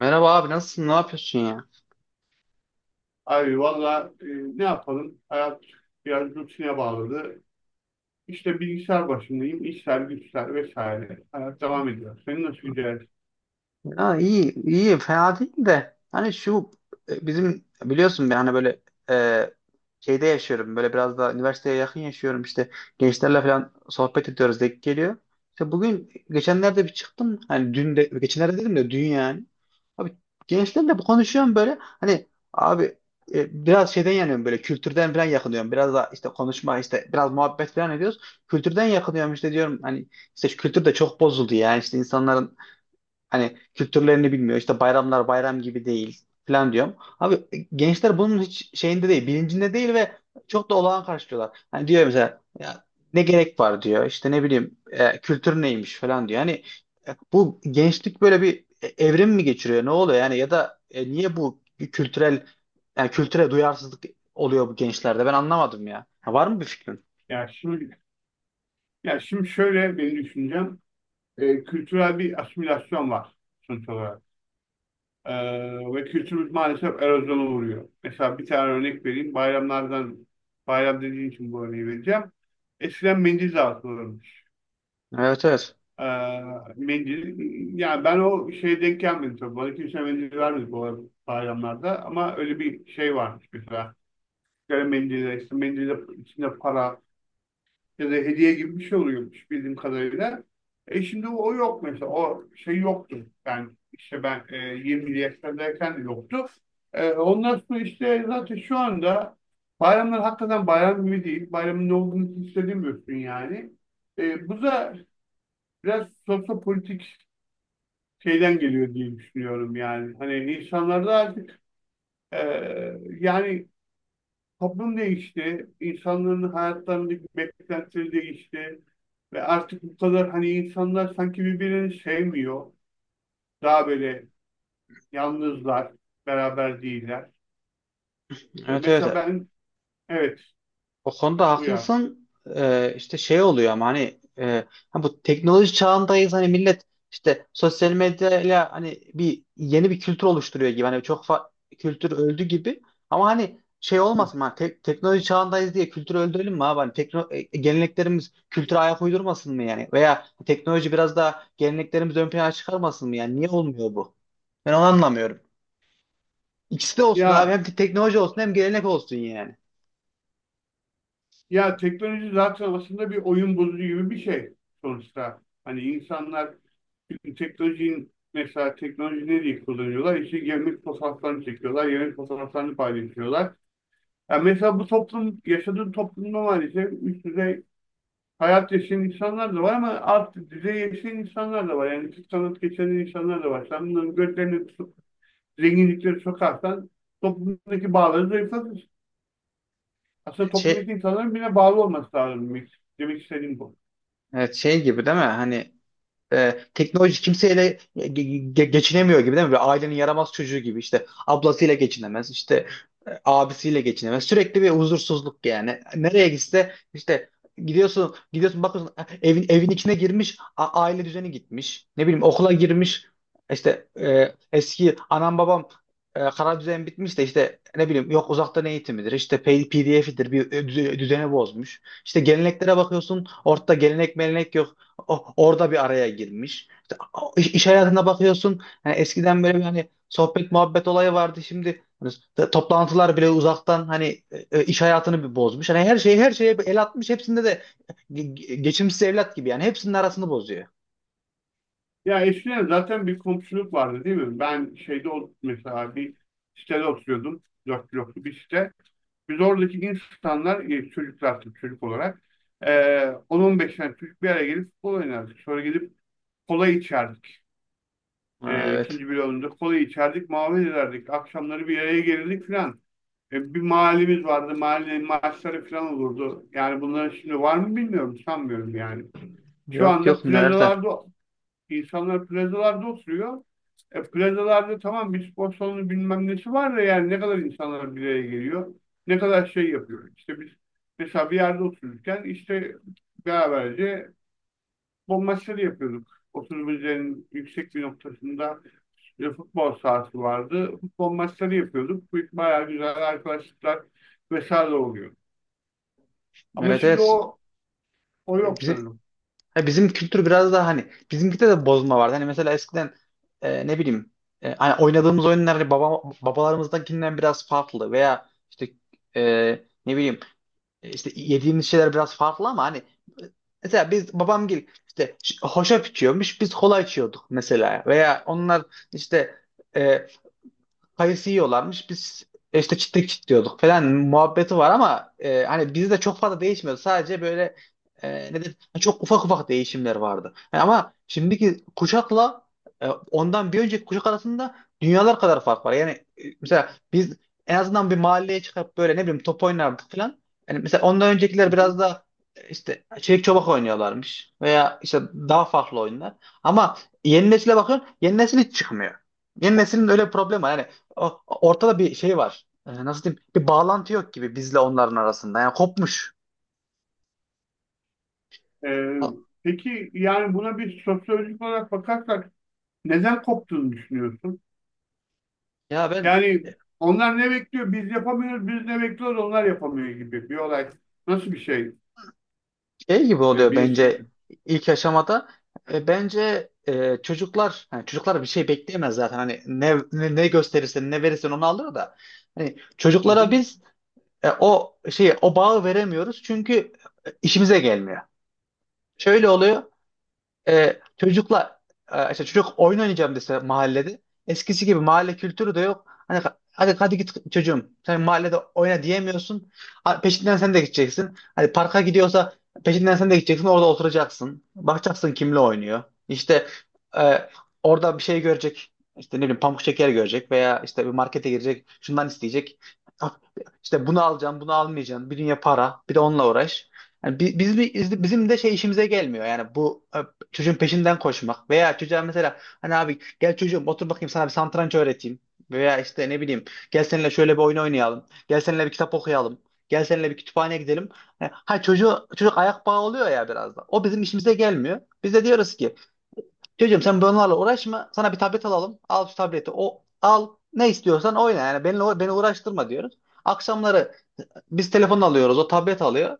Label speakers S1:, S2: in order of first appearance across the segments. S1: Merhaba abi, nasılsın? Ne yapıyorsun ya?
S2: Abi valla ne yapalım? Hayat biraz rutine bağladı. İşte bilgisayar başındayım. İşler, güçler vesaire. Hayat devam ediyor. Senin nasıl gidiyor?
S1: Ya, iyi iyi, fena değil de hani şu bizim biliyorsun, ben hani böyle e, şeyde yaşıyorum, böyle biraz da üniversiteye yakın yaşıyorum işte, gençlerle falan sohbet ediyoruz, denk geliyor. İşte bugün geçenlerde bir çıktım, hani dün de, geçenlerde dedim de dün yani. Abi, gençlerle bu konuşuyorum böyle hani, abi, biraz şeyden yanıyorum böyle, kültürden falan yakınıyorum. Biraz da işte konuşma, işte biraz muhabbet falan ediyoruz. Kültürden yakınıyorum işte diyorum, hani işte şu kültür de çok bozuldu yani, işte insanların hani kültürlerini bilmiyor. İşte bayramlar bayram gibi değil falan diyorum. Abi, gençler bunun hiç şeyinde değil, bilincinde değil ve çok da olağan karşılıyorlar. Hani diyor mesela, ya ne gerek var diyor. İşte ne bileyim, kültür neymiş falan diyor. Hani bu gençlik böyle bir evrim mi geçiriyor? Ne oluyor yani? Ya da niye bu bir kültürel, yani kültüre duyarsızlık oluyor bu gençlerde? Ben anlamadım ya. Ha, var mı bir fikrin?
S2: Ya şimdi, ya şimdi, şöyle benim düşüncem. Kültürel bir asimilasyon var sonuç olarak. E, Ve kültürümüz maalesef erozyona uğruyor. Mesela bir tane örnek vereyim. Bayramlardan, bayram dediğin için bu örneği vereceğim. Eskiden mendil dağıtılırmış.
S1: Evet, evet.
S2: Ee, mendil, yani ben o şeye denk gelmedim tabii. Bana kimse mendil vermedi bu bayramlarda. Ama öyle bir şey varmış mesela. Böyle mendille, işte mendille içinde para ya da hediye gibi bir şey oluyormuş bildiğim kadarıyla. E şimdi o yok mesela. O şey yoktu. Ben 20'li yaşlardayken de yoktu. E, ondan sonra işte zaten şu anda bayramlar hakikaten bayram gibi değil. Bayramın ne olduğunu hiç hissedemiyorsun yani. Bu da biraz sosyopolitik şeyden geliyor diye düşünüyorum yani. Hani insanlarda artık e, yani toplum değişti, insanların hayatlarındaki beklentileri değişti ve artık bu kadar hani insanlar sanki birbirini sevmiyor. Daha böyle yalnızlar, beraber değiller. E,
S1: Evet,
S2: mesela
S1: evet.
S2: ben evet
S1: O konuda
S2: uyar.
S1: haklısın. İşte şey oluyor ama hani ha bu teknoloji çağındayız, hani millet işte sosyal medyayla hani bir yeni bir kültür oluşturuyor gibi, hani kültür öldü gibi. Ama hani şey olmasın, hani teknoloji çağındayız diye kültürü öldürelim mi abi? Hani geleneklerimiz kültüre ayak uydurmasın mı yani? Veya teknoloji biraz daha geleneklerimizi ön plana çıkarmasın mı yani? Niye olmuyor bu? Ben onu anlamıyorum. İkisi de olsun abi,
S2: Ya
S1: hem teknoloji olsun hem gelenek olsun yani.
S2: ya teknoloji zaten aslında bir oyun bozucu gibi bir şey sonuçta. Hani insanlar şimdi teknolojinin mesela teknoloji ne diye kullanıyorlar? İşte yemek fotoğraflarını çekiyorlar, yemek fotoğraflarını paylaşıyorlar. Yani mesela bu toplum, yaşadığın toplumda maalesef üst düzey hayat yaşayan insanlar da var ama alt düzey yaşayan insanlar da var. Yani küçük sanat geçinen insanlar da var. Sen bunların gözlerini tutup zenginlikleri sokarsan toplumdaki bağları zayıflatır. Aslında
S1: Şey,
S2: toplumdaki insanların bile bağlı olması lazım demek, demek istediğim bu.
S1: evet, şey gibi değil mi? Hani teknoloji kimseyle geçinemiyor gibi değil mi? Böyle ailenin yaramaz çocuğu gibi, işte ablasıyla geçinemez, işte abisiyle geçinemez. Sürekli bir huzursuzluk yani. Nereye gitse işte gidiyorsun gidiyorsun, bakıyorsun evin evin içine girmiş, aile düzeni gitmiş. Ne bileyim, okula girmiş işte, eski anam babam kara düzen bitmiş de işte ne bileyim, yok uzaktan eğitimidir, işte PDF'idir, bir düzeni bozmuş. İşte geleneklere bakıyorsun, ortada gelenek melenek yok, orada bir araya girmiş. İşte, iş hayatına bakıyorsun. Hani eskiden böyle bir hani sohbet muhabbet olayı vardı. Şimdi hani toplantılar bile uzaktan, hani iş hayatını bir bozmuş. Hani her şeyi her şeye bir el atmış. Hepsinde de geçimsiz evlat gibi yani, hepsinin arasını bozuyor.
S2: Ya eskiden zaten bir komşuluk vardı değil mi? Mesela bir sitede oturuyordum. Dört bloklu bir site. Biz oradaki insanlar, çocuklar tabii çocuk olarak e, 10-15 tane çocuk bir araya gelip futbol oynardık. Sonra gidip kola içerdik.
S1: Ha, evet.
S2: İkinci bloğunda kola içerdik, muhabbet ederdik. Akşamları bir araya gelirdik filan. Bir mahallemiz vardı, mahallenin maçları filan olurdu. Yani bunların şimdi var mı bilmiyorum, sanmıyorum yani. Şu
S1: Yok
S2: anda
S1: yok, nerede?
S2: plazalarda İnsanlar plazalarda oturuyor. E, plazalarda tamam bir spor salonu bilmem nesi var da yani ne kadar insanlar bir araya geliyor. Ne kadar şey yapıyor. İşte biz mesela bir yerde otururken işte beraberce futbol maçları yapıyorduk. Oturumuzun yüksek bir noktasında bir futbol sahası vardı. Futbol maçları yapıyorduk. Bu bayağı güzel arkadaşlıklar vesaire oluyor. Ama
S1: Evet,
S2: şimdi
S1: evet.
S2: o yok
S1: Bizim
S2: sanırım.
S1: Ha, bizim kültür biraz daha hani, bizimkide de bozma vardı. Hani mesela eskiden ne bileyim, hani oynadığımız oyunlar hani babalarımızdakinden biraz farklı, veya işte e, ne bileyim, işte yediğimiz şeyler biraz farklı, ama hani mesela biz babam gibi işte hoşaf içiyormuş, biz kola içiyorduk mesela. Veya onlar işte e, kayısı yiyorlarmış. Biz işte çitlek çitliyorduk falan muhabbeti var, ama hani bizde çok fazla değişmiyordu. Sadece böyle e, ne de, çok ufak ufak değişimler vardı. Yani ama şimdiki kuşakla ondan bir önceki kuşak arasında dünyalar kadar fark var. Yani mesela biz en azından bir mahalleye çıkıp böyle, ne bileyim, top oynardık falan. Yani mesela ondan öncekiler biraz da işte çelik çobak oynuyorlarmış, veya işte daha farklı oyunlar. Ama yeni nesile bakıyorsun, yeni nesil hiç çıkmıyor. Yeni neslin öyle bir problemi var. Yani ortada bir şey var. Nasıl diyeyim? Bir bağlantı yok gibi bizle onların arasında. Yani kopmuş.
S2: Ee,
S1: Ha-
S2: peki yani buna bir sosyolojik olarak bakarsak neden koptuğunu düşünüyorsun?
S1: Ya, ben
S2: Yani onlar ne bekliyor? Biz yapamıyoruz, biz ne bekliyoruz? Onlar yapamıyor gibi bir olay. Nasıl bir şey?
S1: şey gibi
S2: E,
S1: oluyor
S2: bilirsin ki.
S1: bence ilk aşamada. Bence çocuklar, yani çocuklar bir şey bekleyemez zaten. Hani ne gösterirsen, ne verirsen onu alır da. Hani
S2: Hı
S1: çocuklara
S2: hı.
S1: biz o şeyi, o bağı veremiyoruz, çünkü işimize gelmiyor. Şöyle oluyor. Çocukla işte çocuk oyun oynayacağım dese, mahallede eskisi gibi mahalle kültürü de yok. Hani hadi hadi git çocuğum, sen mahallede oyna diyemiyorsun. Ha, peşinden sen de gideceksin. Hani parka gidiyorsa peşinden sen de gideceksin, orada oturacaksın. Bakacaksın kimle oynuyor. İşte e, orada bir şey görecek. İşte ne bileyim, pamuk şeker görecek, veya işte bir markete girecek şundan isteyecek. Ah, İşte bunu alacağım, bunu almayacağım, bir dünya para, bir de onunla uğraş. Yani bizim de şey işimize gelmiyor. Yani bu çocuğun peşinden koşmak veya çocuğa mesela, hani abi gel çocuğum, otur bakayım sana bir satranç öğreteyim, veya işte ne bileyim, gel seninle şöyle bir oyun oynayalım, gel seninle bir kitap okuyalım, gel seninle bir kütüphaneye gidelim. Ha ha, çocuk ayak bağı oluyor ya, biraz da o bizim işimize gelmiyor. Biz de diyoruz ki, çocuğum sen bunlarla uğraşma, sana bir tablet alalım, al şu tableti, o al ne istiyorsan oyna, yani beni uğraştırma diyoruz. Akşamları biz telefon alıyoruz, o tablet alıyor,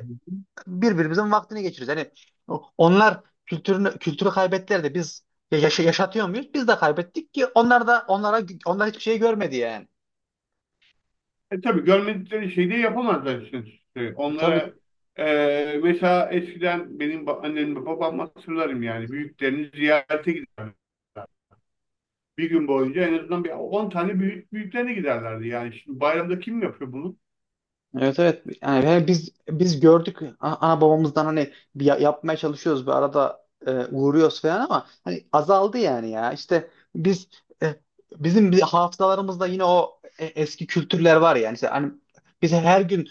S2: Hı hı.
S1: birbirimizin vaktini geçiriyoruz. Yani onlar kültürü kaybettiler de biz yaşatıyor muyuz? Biz de kaybettik ki, onlar da, onlar hiçbir şey görmedi yani.
S2: E tabii görmedikleri şeyi de yapamazlar işte.
S1: Tabii,
S2: Onlara mesela eskiden benim annem ve babam hatırlarım yani büyüklerini ziyarete giderler. Bir gün boyunca en azından bir 10 tane büyük büyüklerine giderlerdi. Yani şimdi bayramda kim yapıyor bunu?
S1: evet evet. Yani biz gördük ana babamızdan, hani bir yapmaya çalışıyoruz bir arada, uğruyoruz falan ama hani azaldı yani ya, işte biz e, bizim bir hafızalarımızda yine o, eski kültürler var yani, işte hani biz her gün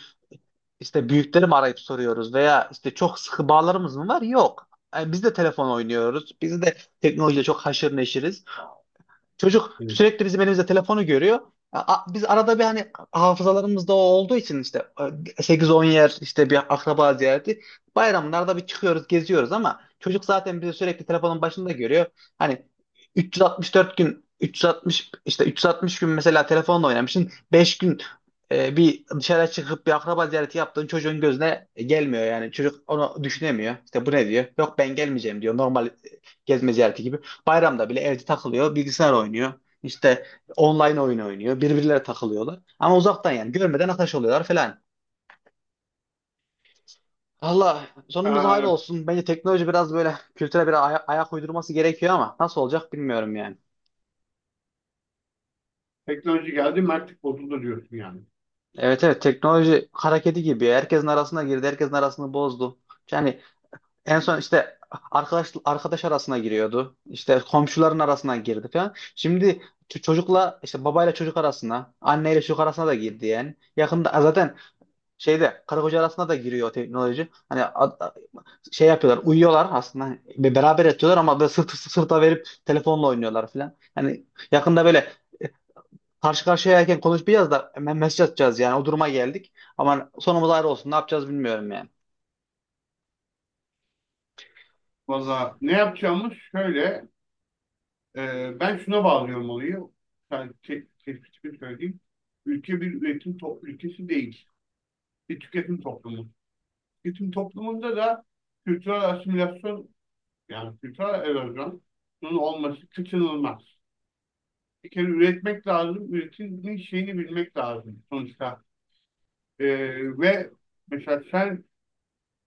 S1: İşte büyükleri mi arayıp soruyoruz, veya işte çok sıkı bağlarımız mı var? Yok. Yani biz de telefon oynuyoruz. Biz de teknolojiyle çok haşır neşiriz. Çocuk
S2: Evet.
S1: sürekli bizim elimizde telefonu görüyor. Biz arada bir, hani hafızalarımızda o olduğu için işte, 8-10 yer işte bir akraba ziyareti. Bayramlarda bir çıkıyoruz, geziyoruz, ama çocuk zaten bizi sürekli telefonun başında görüyor. Hani 364 gün 360, işte 360 gün mesela telefonla oynamışsın. 5 gün bir dışarı çıkıp bir akraba ziyareti yaptığın çocuğun gözüne gelmiyor yani. Çocuk onu düşünemiyor. İşte bu ne diyor? Yok, ben gelmeyeceğim diyor. Normal gezme ziyareti gibi. Bayramda bile evde takılıyor, bilgisayar oynuyor. İşte online oyun oynuyor, birbirlere takılıyorlar. Ama uzaktan yani görmeden arkadaş oluyorlar falan. Allah sonumuz hayır
S2: E,
S1: olsun. Bence teknoloji biraz böyle kültüre bir ayak uydurması gerekiyor ama nasıl olacak bilmiyorum yani.
S2: teknoloji geldi, mertlik bozuldu diyorsun yani.
S1: Evet, evet, teknoloji hareketi gibi. Herkesin arasına girdi, herkesin arasını bozdu. Yani en son işte arkadaş arkadaş arasına giriyordu. İşte komşuların arasına girdi falan. Şimdi çocukla işte babayla çocuk arasına, anneyle çocuk arasına da girdi yani. Yakında zaten şeyde karı koca arasında da giriyor o teknoloji. Hani şey yapıyorlar, uyuyorlar aslında. Hani beraber yatıyorlar ama böyle sırt sırta verip telefonla oynuyorlar falan. Hani yakında böyle karşı karşıyayken konuşmayacağız da hemen mesaj atacağız, yani o duruma geldik. Ama sonumuz ayrı olsun, ne yapacağız bilmiyorum yani.
S2: Valla ne yapacağımız şöyle, ben şuna bağlıyorum olayı, yani te tespitimi söyleyeyim. Ülke bir ülkesi değil, bir tüketim toplumu. Tüketim toplumunda da kültürel asimilasyon, yani kültürel erozyonun olması kaçınılmaz. Bir kere üretmek lazım, üretimin şeyini bilmek lazım sonuçta. E, ve mesela sen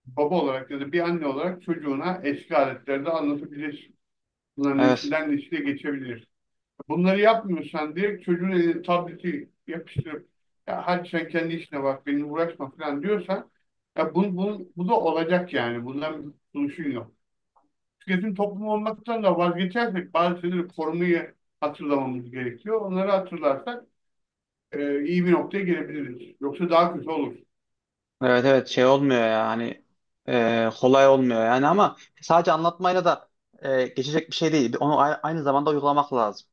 S2: baba olarak ya da bir anne olarak çocuğuna eski aletleri de anlatabilirsin. Bunların
S1: Evet,
S2: içinden de geçebilir. Bunları yapmıyorsan direkt çocuğun eline tableti yapıştırıp ya hadi sen kendi işine bak benimle uğraşma falan diyorsan ya bu da olacak yani. Bundan bir kurtuluşun yok. Tüketim toplumu olmaktan da vazgeçersek bazı şeyleri korumayı hatırlamamız gerekiyor. Onları hatırlarsak iyi bir noktaya gelebiliriz. Yoksa daha kötü olur.
S1: evet, evet, şey olmuyor ya hani, kolay olmuyor yani ama sadece anlatmayla da geçecek bir şey değil. Onu aynı zamanda uygulamak lazım.